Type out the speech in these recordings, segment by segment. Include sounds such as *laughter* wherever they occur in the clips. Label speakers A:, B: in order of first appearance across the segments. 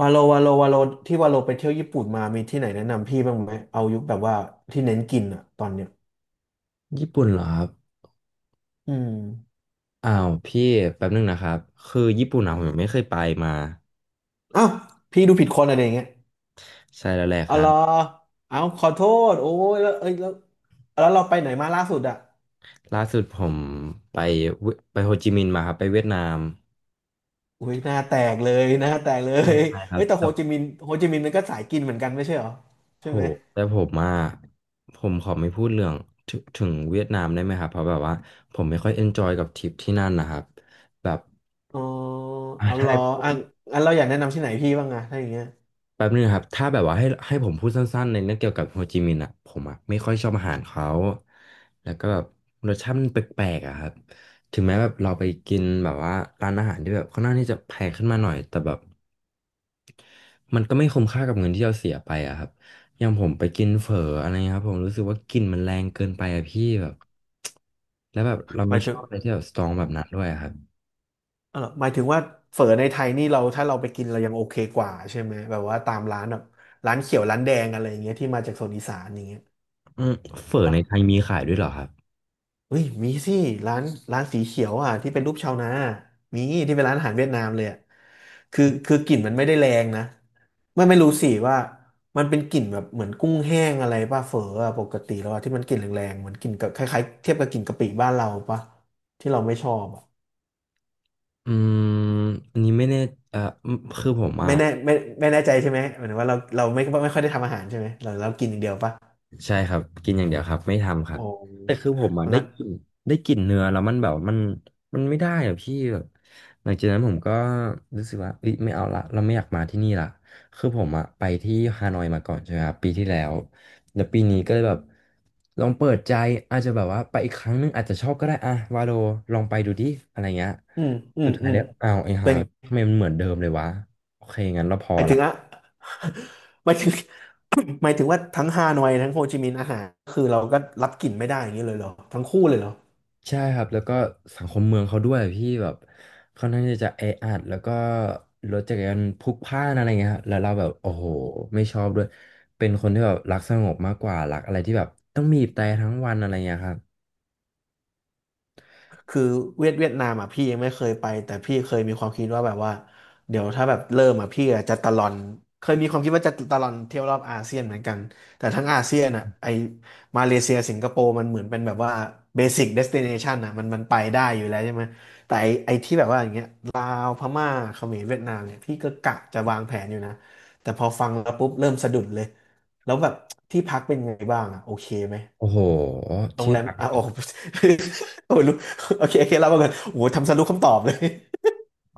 A: วาโลวาโลวาโลที่วาโลไปเที่ยวญี่ปุ่นมามีที่ไหนแนะนำพี่บ้างไหมเอายุคแบบว่าที่เน้นกินอะตอนเนี้ย
B: ญี่ปุ่นเหรอครับ
A: อืม
B: อ้าวพี่แป๊บนึงนะครับคือญี่ปุ่นอะผมยังไม่เคยไปมา
A: อ้าวพี่ดูผิดคนอะไรอย่างเงี้ย
B: ใช่แล้วแหละ
A: อ๋
B: ค
A: อ
B: รั
A: เหรอ
B: บ
A: เอาขอโทษโอ้ยแล้วเอ้ยแล้วเราไปไหนมาล่าสุดอะ
B: ล่าสุดผมไปเวไปโฮจิมินห์มาครับไปเวียดนาม
A: อุ้ยหน้าแตกเลยหน้าแตกเล
B: ไม่
A: ย
B: เป็นไรค
A: เอ้
B: รับ
A: ยแต่โฮ
B: แต่
A: จิมินห์โฮจิมินห์มันก็สายกินเหมือนกันไม่ใช่เหรอใช่
B: โห
A: ไหม
B: แต่ผมอ่ะผมขอไม่พูดเรื่องถึงเวียดนามได้ไหมครับเพราะแบบว่าผมไม่ค่อยเอนจอยกับทริปที่นั่นนะครับแบบ
A: อ๋อ
B: อ่ะ
A: เอาเห
B: ถ้า
A: รอ
B: ให้พู
A: อ่ะ
B: ด
A: งั้นเราอยากแนะนำที่ไหนพี่บ้างอะถ้าอย่างเงี้ย
B: แป๊บนึงครับถ้าแบบว่าให้ผมพูดสั้นๆในเรื่องเกี่ยวกับโฮจิมินห์อ่ะผมอ่ะไม่ค่อยชอบอาหารเขาแล้วก็แบบรสชาติมันแปลกๆอ่ะครับถึงแม้แบบเราไปกินแบบว่าร้านอาหารที่แบบค่อนข้างที่จะแพงขึ้นมาหน่อยแต่แบบมันก็ไม่คุ้มค่ากับเงินที่เราเสียไปอ่ะครับอย่างผมไปกินเฝออะไรเงี้ยครับผมรู้สึกว่ากลิ่นมันแรงเกินไปอ่ะพี่แบบแล้วแบบเรา
A: ไป
B: ไม่ช
A: ถึ
B: อ
A: ง
B: บอะไรที่แบบสตรองแบบนั้นด้วยอะครับ
A: เออหมายถึงว่าเฝอในไทยนี่เราถ้าเราไปกินเรายังโอเคกว่าใช่ไหมแบบว่าตามร้านแบบร้านเขียวร้านแดงอะไรอย่างเงี้ยที่มาจากโซนอีสานอย่างเงี้ย
B: อืมเฝอ
A: ปะ
B: ในไทยมีขายด้วยเหรอครับ
A: เฮ้ยมีสิร้านร้านสีเขียวอ่ะที่เป็นรูปชาวนามีที่เป็นร้านอาหารเวียดนามเลยอ่ะคือกลิ่นมันไม่ได้แรงนะไม่รู้สิว่ามันเป็นกลิ่นแบบเหมือนกุ้งแห้งอะไรป่ะเฝออะปกติแล้วอะที่มันกลิ่นแรงๆเหมือนกลิ่นกับคล้ายๆเทียบกับกลิ่นกะปิบ้านเราป่ะที่เราไม่ชอบอะ
B: อืมอันนี้ไม่แน่เอ่อคือผมอ่ะ
A: ไม่แน่ไม่แน่ใจใช่ไหมหมายถึงว่าเราไม่ค่อยได้ทำอาหารใช่ไหมเรากินอย่างเดียวปะ
B: ใช่ครับกินอย่างเดียวครับไม่ทำครับ
A: โอ้
B: แต่คือผมอ่ะได้
A: งั้น
B: กลินได้กลินเนื้อแล้วมันแบบมันไม่ได้อ่ะพี่แบบหลังจากนั้นผมก็รู้สึกว่าเอ้ยไม่เอาละเราไม่อยากมาที่นี่ละคือผมอ่ะไปที่ฮานอยมาก่อนใช่ไหมครับปีที่แล้วแล้วปีนี้ก็เลยแบบลองเปิดใจอาจจะแบบว่าไปอีกครั้งหนึงอาจจะชอบก็ได้อะวาโลลองไปดูดิอะไรเงี้ย
A: อืม อื
B: สุ
A: ม
B: ดท้า
A: อื
B: ย
A: ม
B: แล้วอ้าวไอ้ห่า
A: เป็น
B: ทำไมมันเหมือนเดิมเลยวะโอเคงั้นเราพอ
A: หมายถึ
B: ละ
A: งอะ *laughs* หมายถึง *coughs* หมายถึงว่าทั้งฮานอยทั้งโฮจิมินห์อาหารคือเราก็รับกลิ่นไม่ได้อย่างนี้เลยเหรอทั้งคู่เลยเหรอ
B: ใช่ครับแล้วก็สังคมเมืองเขาด้วยพี่แบบค่อนข้างที่จะแออัดแล้วก็รถจักรยานพลุกพล่านอะไรเงี้ยครับแล้วเราแบบโอ้โหไม่ชอบด้วยเป็นคนที่แบบรักสงบมากกว่ารักอะไรที่แบบต้องบีบแตรทั้งวันอะไรเงี้ยครับ
A: คือเวียดนามอ่ะพี่ยังไม่เคยไปแต่พี่เคยมีความคิดว่าแบบว่าเดี๋ยวถ้าแบบเริ่มอ่ะพี่อะจะตะลอนเคยมีความคิดว่าจะตะลอนเที่ยวรอบอาเซียนเหมือนกันแต่ทั้งอาเซียนอ่ะไอมาเลเซียสิงคโปร์มันเหมือนเป็นแบบว่าเบสิ c เดสติเนชันอ่ะมันไปได้อยู่แล้วใช่ไหมแต่ไอที่แบบว่าอย่างเงี้ยลาวพม่าเขมรเวียดนามเนี่ยพี่ก็กะจะวางแผนอยู่นะแต่พอฟังแล้วปุ๊บเริ่มสะดุดเลยแล้วแบบที่พักเป็นไงบ้างอ่ะโอเคไหม
B: โอ้โห
A: โรง
B: ที่
A: แรม
B: พัก
A: อ่ะโอ้โห *laughs* โอ้โหรู้โอเคโอเคเรามาก่อนโอ้โหทำสรุปคำตอบเลย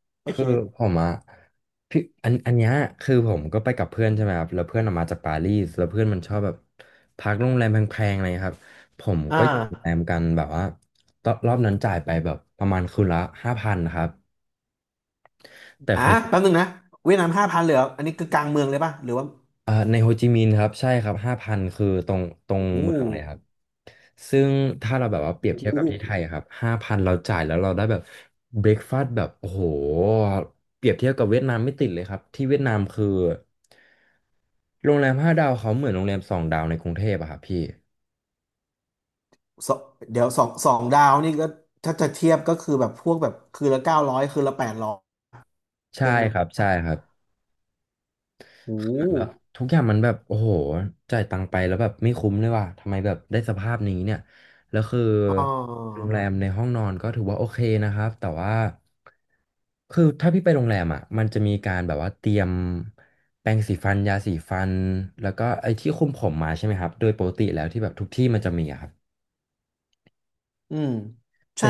A: *laughs* โอเค
B: คือผมอะพี่อันเนี้ยคือผมก็ไปกับเพื่อนใช่ไหมครับแล้วเพื่อนออกมาจากปารีสแล้วเพื่อนมันชอบแบบพักโรงแรมแพงๆอะไรครับผม
A: อ่า
B: ก็อยู่โรงแรมกันแบบว่าตอนรอบนั้นจ่ายไปแบบประมาณคืนละห้าพันครับ แต่
A: อ่ะ
B: คื
A: แป๊บ
B: อ
A: นึงนะเวียดนาม5,000เลยเหรออันนี้คือกลางเมืองเลยป่ะหรือว่า
B: อ่าในโฮจิมินห์ครับใช่ครับห้าพันคือตรง
A: โอ้โห
B: เมืองเลยครับซึ่งถ้าเราแบบว่าเปรี
A: โอ้
B: ยบเทียบกับ
A: โห
B: ที่ไทยอะครับห้าพันเราจ่ายแล้วเราได้แบบเบร a ฟาส s t แบบโอ้โหเปรียบเทียบกับเวียดนามไม่ติดเลยครับที่เวียดนามคือโรงแรม5 ดาวเขาเหมือนโรงแรม2 ดาวในกรุงเทพอะครับพี่
A: สองเดี๋ยวสองดาวนี่ก็ถ้าจะเทียบก็คือแบบพวกแบบคืนละ900คืนละ800
B: ใช่
A: เจัง
B: ครับใช่ครับ
A: โอ้โห
B: แบบทุกอย่างมันแบบโอ้โหจ่ายตังค์ไปแล้วแบบไม่คุ้มเลยว่ะทำไมแบบได้สภาพนี้เนี่ยแล้วคือ
A: อ่
B: โรงแรม
A: า
B: ในห้องนอนก็ถือว่าโอเคนะครับแต่ว่าคือถ้าพี่ไปโรงแรมอ่ะมันจะมีการแบบว่าเตรียมแปรงสีฟันยาสีฟันแล้วก็ไอ้ที่คุมผมมาใช่ไหมครับโดยปกติแล้วที่แบบทุกที่มันจะมีอะครับ
A: อืมใช่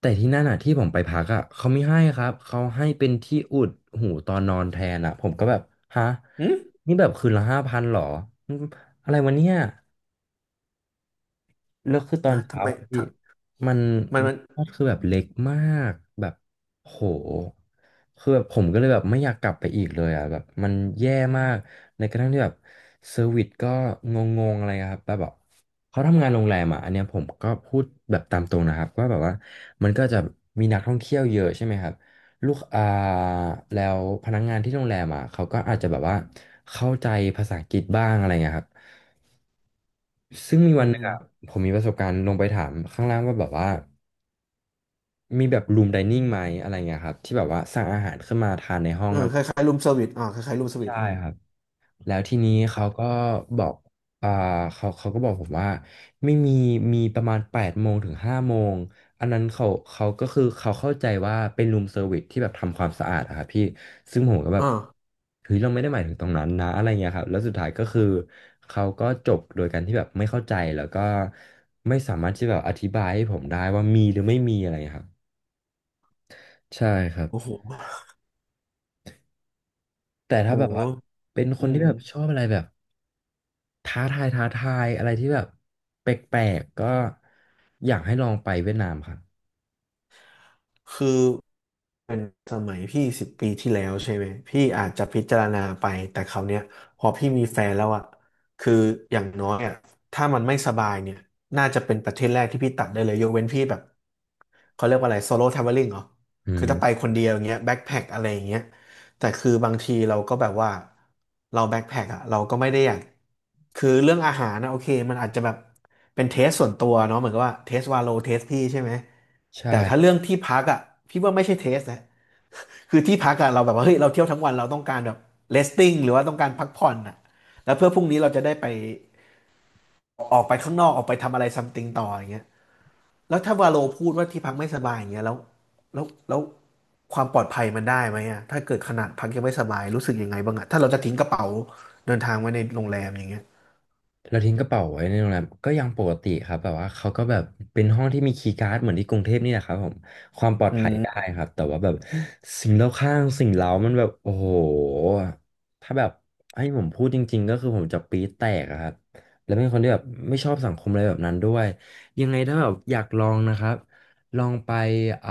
B: แต่ที่นั่นอ่ะที่ผมไปพักอ่ะเขาไม่ให้ครับเขาให้เป็นที่อุดหูตอนนอนแทนอ่ะผมก็แบบฮะ
A: อืม
B: นี่แบบคืนละห้าพันหรออืมอะไรวะเนี่ย แล้วคือตอ
A: อ่ะ
B: น
A: ทำ
B: เช้า
A: ไม
B: อะ
A: ท
B: พี่มัน
A: ำมัน
B: ก็คือแบบเล็กมากแบบโหคือแบบผมก็เลยแบบไม่อยากกลับไปอีกเลยอ่ะแบบมันแย่มากในกระทั่งที่แบบเซอร์วิสก็งงๆอะไรครับแบบแบบเขาทำงานโรงแรมอ่ะอันเนี้ยผมก็พูดแบบตามตรงนะครับว่าแบบว่ามันก็จะมีนักท่องเที่ยวเยอะใช่ไหมครับลูกแล้วพนักงานที่โรงแรมอ่ะเขาก็อาจจะแบบว่าเข้าใจภาษาอังกฤษบ้างอะไรเงี้ยครับ ซึ่งมี
A: อื
B: วันหนึงอัะ
A: ม
B: ผมมีประสบการณ์ลงไปถามข้างล่างว่าแบบว่ามีแบบรูมไดนิ่งไหมอะไรเงี้ยครับที่แบบว่าสั่งอาหารขึ้นมาทานในห้อ
A: เอ
B: ง
A: อ
B: อะไร
A: คล้ายๆรูมเซอร์วิสอ่าคล้ายๆรูมเซอร์วิ
B: ใช่
A: สอืม
B: ครับ แล้วทีนี้เขาก็บอกอ่าเขาก็บอกผมว่าไม่มีมีประมาณแปดโมงถึงห้าโมง อันนั้นเขาก็คือเขาเข้าใจว่าเป็นรูมเซอร์วิสที่แบบทำความสะอาดอะครับพี่ซึ่งผมก็แบบ
A: อ่า
B: เฮ้ยเราไม่ได้หมายถึงตรงนั้นนะอะไรเงี้ยครับแล้วสุดท้ายก็คือเขาก็จบโดยการที่แบบไม่เข้าใจแล้วก็ไม่สามารถที่แบบอธิบายให้ผมได้ว่ามีหรือไม่มีอะไรครับใช่ครับ
A: โอ้โห
B: แต่ถ้า
A: โอ้
B: แบบว่าเป็นค
A: อื
B: น
A: ม
B: ที่แบบชอบอะไรแบบ ท้าทายอะไรที่แบบแปลกๆก็อยากให้ลองไปเวียดนามครับ
A: คือเป็นสมัยพี่สิบปีที่แล้วใช่ไหม พี่อาจจะพิจารณาไป แต่คราวเนี้ยพอพี่มีแฟนแล้วอะคืออย่างน้อยอะถ้ามันไม่สบายเนี่ยน่าจะเป็นประเทศแรกที่พี่ตัดได้เลยยกเว้นพี่แบบเขาเรียกว่าอะไรโซโล่ท r a v e l ลิ n งเหรอ
B: อื
A: คือถ้าไป
B: ม
A: คนเดียวอย่างเงี้ยแบ็คแพ็คอะไรอย่างเงี้ย แต่คือบางทีเราก็แบบว่าเราแบ็คแพ็คอะเราก็ไม่ได้อยากคือเรื่องอาหารนะโอเคมันอาจจะแบบเป็นเทสส่วนตัวเนาะเหมือนกับว่าเทสวาโลเทสพี่ใช่ไหมแต่
B: ใช่
A: ถ้าเรื่องที่พักอะพี่ว่าไม่ใช่เทสนะคือที่พักอะเราแบบว่าเฮ้ยเราเที่ยวทั้งวันเราต้องการแบบเรสติ้งหรือว่าต้องการพักผ่อนอะแล้วเพื่อพรุ่งนี้เราจะได้ไปออกไปข้างนอกออกไปทำอะไรซัมติงต่ออย่างเงี้ย แล้วถ้าวาโลพูดว่าที่พักไม่สบายอย่างเงี้ยแล้วแล้วความปลอดภัยมันได้ไหมอะถ้าเกิดขนาดพักยังไม่สบายรู้สึกยังไงบ้างอะถ้าเราจะทิ้งกระเป๋าเดินทางไว้ในโรงแรมอย่างเงี้ย
B: เราทิ้งกระเป๋าไว้ในโรงแรมก็ยังปกติครับแบบว่าเขาก็แบบเป็นห้องที่มีคีย์การ์ดเหมือนที่กรุงเทพนี่แหละครับผมความปลอด
A: อื
B: ภัยได้
A: ม
B: ครับแต่ว่าแบบสิ่งรอบข้างสิ่งเร้ามันแบบโอ้โหถ้าแบบให้ผมพูดจริงๆก็คือผมจะปี๊ดแตกอะครับแล้วเป็นคนที่แบบไม่ชอบสังคมอะไรแบบนั้นด้วยยังไงถ้าแบบอยากลองนะครับลองไปอ่า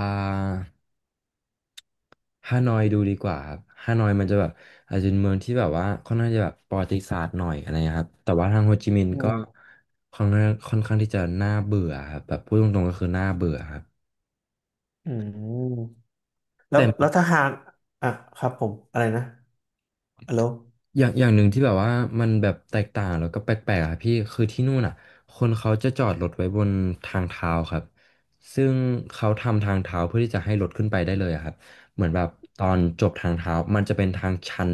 B: ฮานอยดูดีกว่าครับฮานอยมันจะแบบอาจจะเป็นเมืองที่แบบว่าค่อนข้างจะแบบประวัติศาสตร์หน่อยอะไรนะครับแต่ว่าทางโฮจิมินห์
A: อื
B: ก็
A: ม
B: ค่อนข้างที่จะน่าเบื่อครับแบบพูดตรงๆก็คือน่าเบื่อครับ
A: อืมแล้วถ้าหากอ่ะครับผมอะไรนะฮัลโหล
B: อย่างหนึ่งที่แบบว่ามันแบบแตกต่างแล้วก็แปลกๆอะพี่คือที่นู่นอ่ะคนเขาจะจอดรถไว้บนทางเท้าครับซึ่งเขาทำทางเท้าเพื่อที่จะให้รถขึ้นไปได้เลยอะครับเหมือนแบบตอนจบทางเท้ามันจะเป็นทางชัน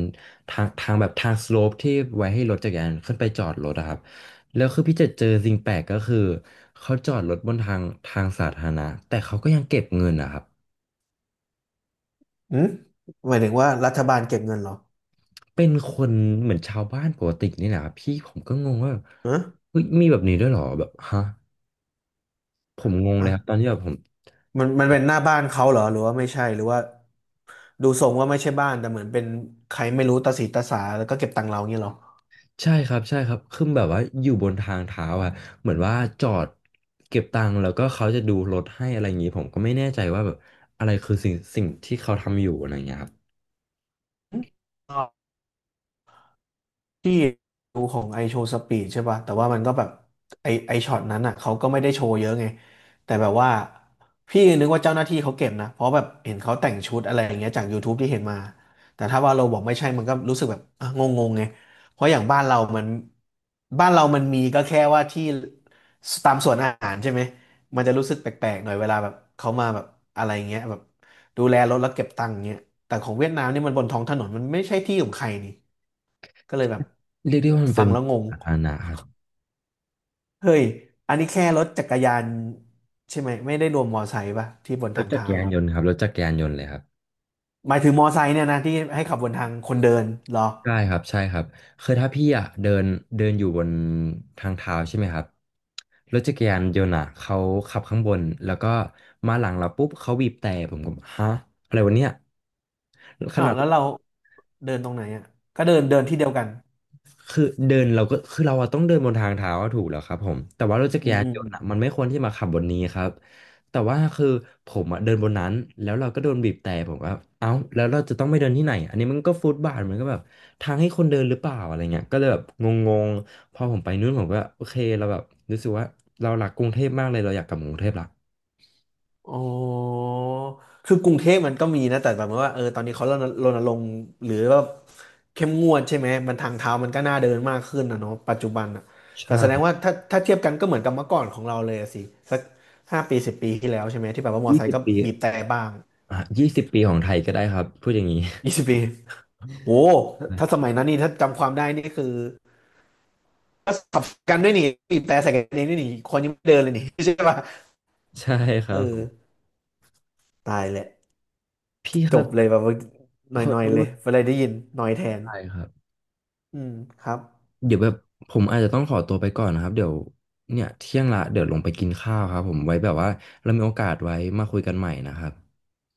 B: ทางแบบทางสโลปที่ไว้ให้รถจักรยานขึ้นไปจอดรถอะครับแล้วคือพี่จะเจอสิ่งแปลกก็คือเขาจอดรถบนทางสาธารณะแต่เขาก็ยังเก็บเงินนะครับ
A: อืมหมายถึงว่ารัฐบาลเก็บเงินเหรอ
B: เป็นคนเหมือนชาวบ้านปกตินี่แหละครับพี่ผมก็งงว่าแบบ
A: ฮะ
B: เฮ้ยมีแบบนี้ด้วยเหรอแบบฮะผมงงเลยครับต
A: อ่ะ
B: อนที่แบบผม
A: มันเป็นหน้าบ้านเขาเหรอหรือว่าไม่ใช่หรือว่าดูทรงว่าไม่ใช่บ้านแต่เหมือนเป็นใครไม่รู้ตาสีตาสาแล้วก็เก็บตังค์เราเงี้ยเหรอ
B: ใช่ครับใช่ครับคือแบบว่าอยู่บนทางเท้าอะเหมือนว่าจอดเก็บตังค์แล้วก็เขาจะดูรถให้อะไรอย่างนี้ผมก็ไม่แน่ใจว่าแบบอะไรคือสิ่งที่เขาทำอยู่อะไรอย่างเงี้ยครับ
A: ที่ดูของไอโชว์สปีดใช่ป่ะแต่ว่ามันก็แบบไอช็อตนั้นอ่ะเขาก็ไม่ได้โชว์เยอะไงแต่แบบว่าพี่นึกว่าเจ้าหน้าที่เขาเก็บนะเพราะแบบเห็นเขาแต่งชุดอะไรอย่างเงี้ยจากยูทูบที่เห็นมาแต่ถ้าว่าเราบอกไม่ใช่มันก็รู้สึกแบบอ่ะงงๆไงเพราะอย่างบ้านเรามันมีก็แค่ว่าที่ตามสวนอาหารใช่ไหมมันจะรู้สึกแปลกๆหน่อยเวลาแบบเขามาแบบอะไรเงี้ยแบบดูแลรถแล้วเก็บตังค์เงี้ยแต่ของเวียดนามนี่มันบนท้องถนนมันไม่ใช่ที่ของใครนี่ ก็เลยแบบ
B: เรียกได้ว่ามัน
A: ฟั
B: เป็
A: ง
B: น
A: แล้วงง
B: สาธารณะครับ
A: เฮ้ย อันนี้แค่รถจักรยานใช่ไหมไม่ได้รวมมอไซค์ป่ะที่บน
B: ร
A: ทา
B: ถ
A: ง
B: จัก
A: เท้า
B: รยาน
A: เนี่ย
B: ยนต์ครับรถจักรยานยนต์เลยครับ
A: หมายถึงมอไซค์เนี่ยนะที่ให้ขับบนทางคนเดินเหรอ
B: ใช่ครับใช่ครับคือถ้าพี่อ่ะเดินเดินอยู่บนทางเท้าใช่ไหมครับรถจักรยานยนต์อ่ะเขาขับข้างบนแล้วก็มาหลังเราปุ๊บเขาบีบแตร่ผมก็ฮะอะไรวะเนี่ยข
A: อ้า
B: นา
A: ว
B: ด
A: แล้วเราเดินตรงไหนอ่ะก็เดินเดินที่เดียวกัน
B: คือเดินเราก็คือเราอะต้องเดินบนทางเท้าอะถูกแล้วครับผมแต่ว่ารถจัก
A: อื
B: ร
A: ม
B: ยาน
A: อื
B: ย
A: ม
B: นต์อะมันไม่ควรที่มาขับบนนี้ครับแต่ว่าคือผมอะเดินบนนั้นแล้วเราก็โดนบีบแตะผมก็เอ้าแล้วเราจะต้องไปเดินที่ไหนอันนี้มันก็ฟุตบาทมันก็แบบทางให้คนเดินหรือเปล่าอะไรเงี้ยก็เลยแบบงงๆพอผมไปนู่นผมก็โอเคเราแบบรู้สึกว่าเรารักกรุงเทพมากเลยเราอยากกลับกรุงเทพละ
A: อ๋อ คือกรุงเทพมันก็มีนะแต่แบบว่าเออตอนนี้เขารณรงค์หรือว่าเข้มงวดใช่ไหมมันทางเท้ามันก็น่าเดินมากขึ้นนะเนาะปัจจุบันอ่ะแต่
B: ใช่
A: แสดงว่าถ้าเทียบกันก็เหมือนกับเมื่อก่อนของเราเลยอะสิสัก5 ปีสิบปีที่แล้วใช่ไหมที่แบบว่ามอ
B: ยี่
A: ไซ
B: สิ
A: ค์
B: บ
A: ก็
B: ปี
A: บีบแต่บ้าง
B: อ่ะยี่สิบปีของไทยก็ได้ครับพูดอย่างนี้
A: 20 ปีโอ้ถ้าสมัยนั้นนี่ถ้าจำความได้นี่คือก็ขับกันด้วยนี่บีบแต่ใส่กันเองด้วยนี่คนยังไม่เดินเลยนี่ *laughs* ใช่ป่ะ
B: ใช่ *laughs* ค
A: เอ
B: รั
A: อ
B: บ
A: ตายแหละ
B: พี่ค
A: จ
B: รับ
A: บเลยแบบว่าห
B: ขอ
A: น่อ
B: ข
A: ย
B: อ
A: ๆ
B: โท
A: เลย
B: ษ
A: เวลาได้ยินหน่อยแทน
B: ทายครับ
A: อืมครับ
B: เดี๋ยวแบบผมอาจจะต้องขอตัวไปก่อนนะครับเดี๋ยวเนี่ยเที่ยงละเดี๋ยวลงไปกินข้าวครับผมไว้แบบว่าเรามีโอกาสไว้มาคุยกันใหม่นะครับ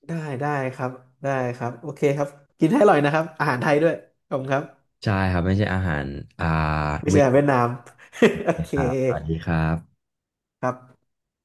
A: ได้ได้ครับได้ครับโอเคครับกินให้อร่อยนะครับอาหารไทยด้วยขอบคุณครับ
B: ใช่ครับไม่ใช่อาหารอ่า
A: ไม่
B: เว
A: ใช่
B: ท
A: อาหารเวียดนาม *laughs* โอ
B: นะ
A: เค
B: ครับสวัสดีครับ
A: ครับ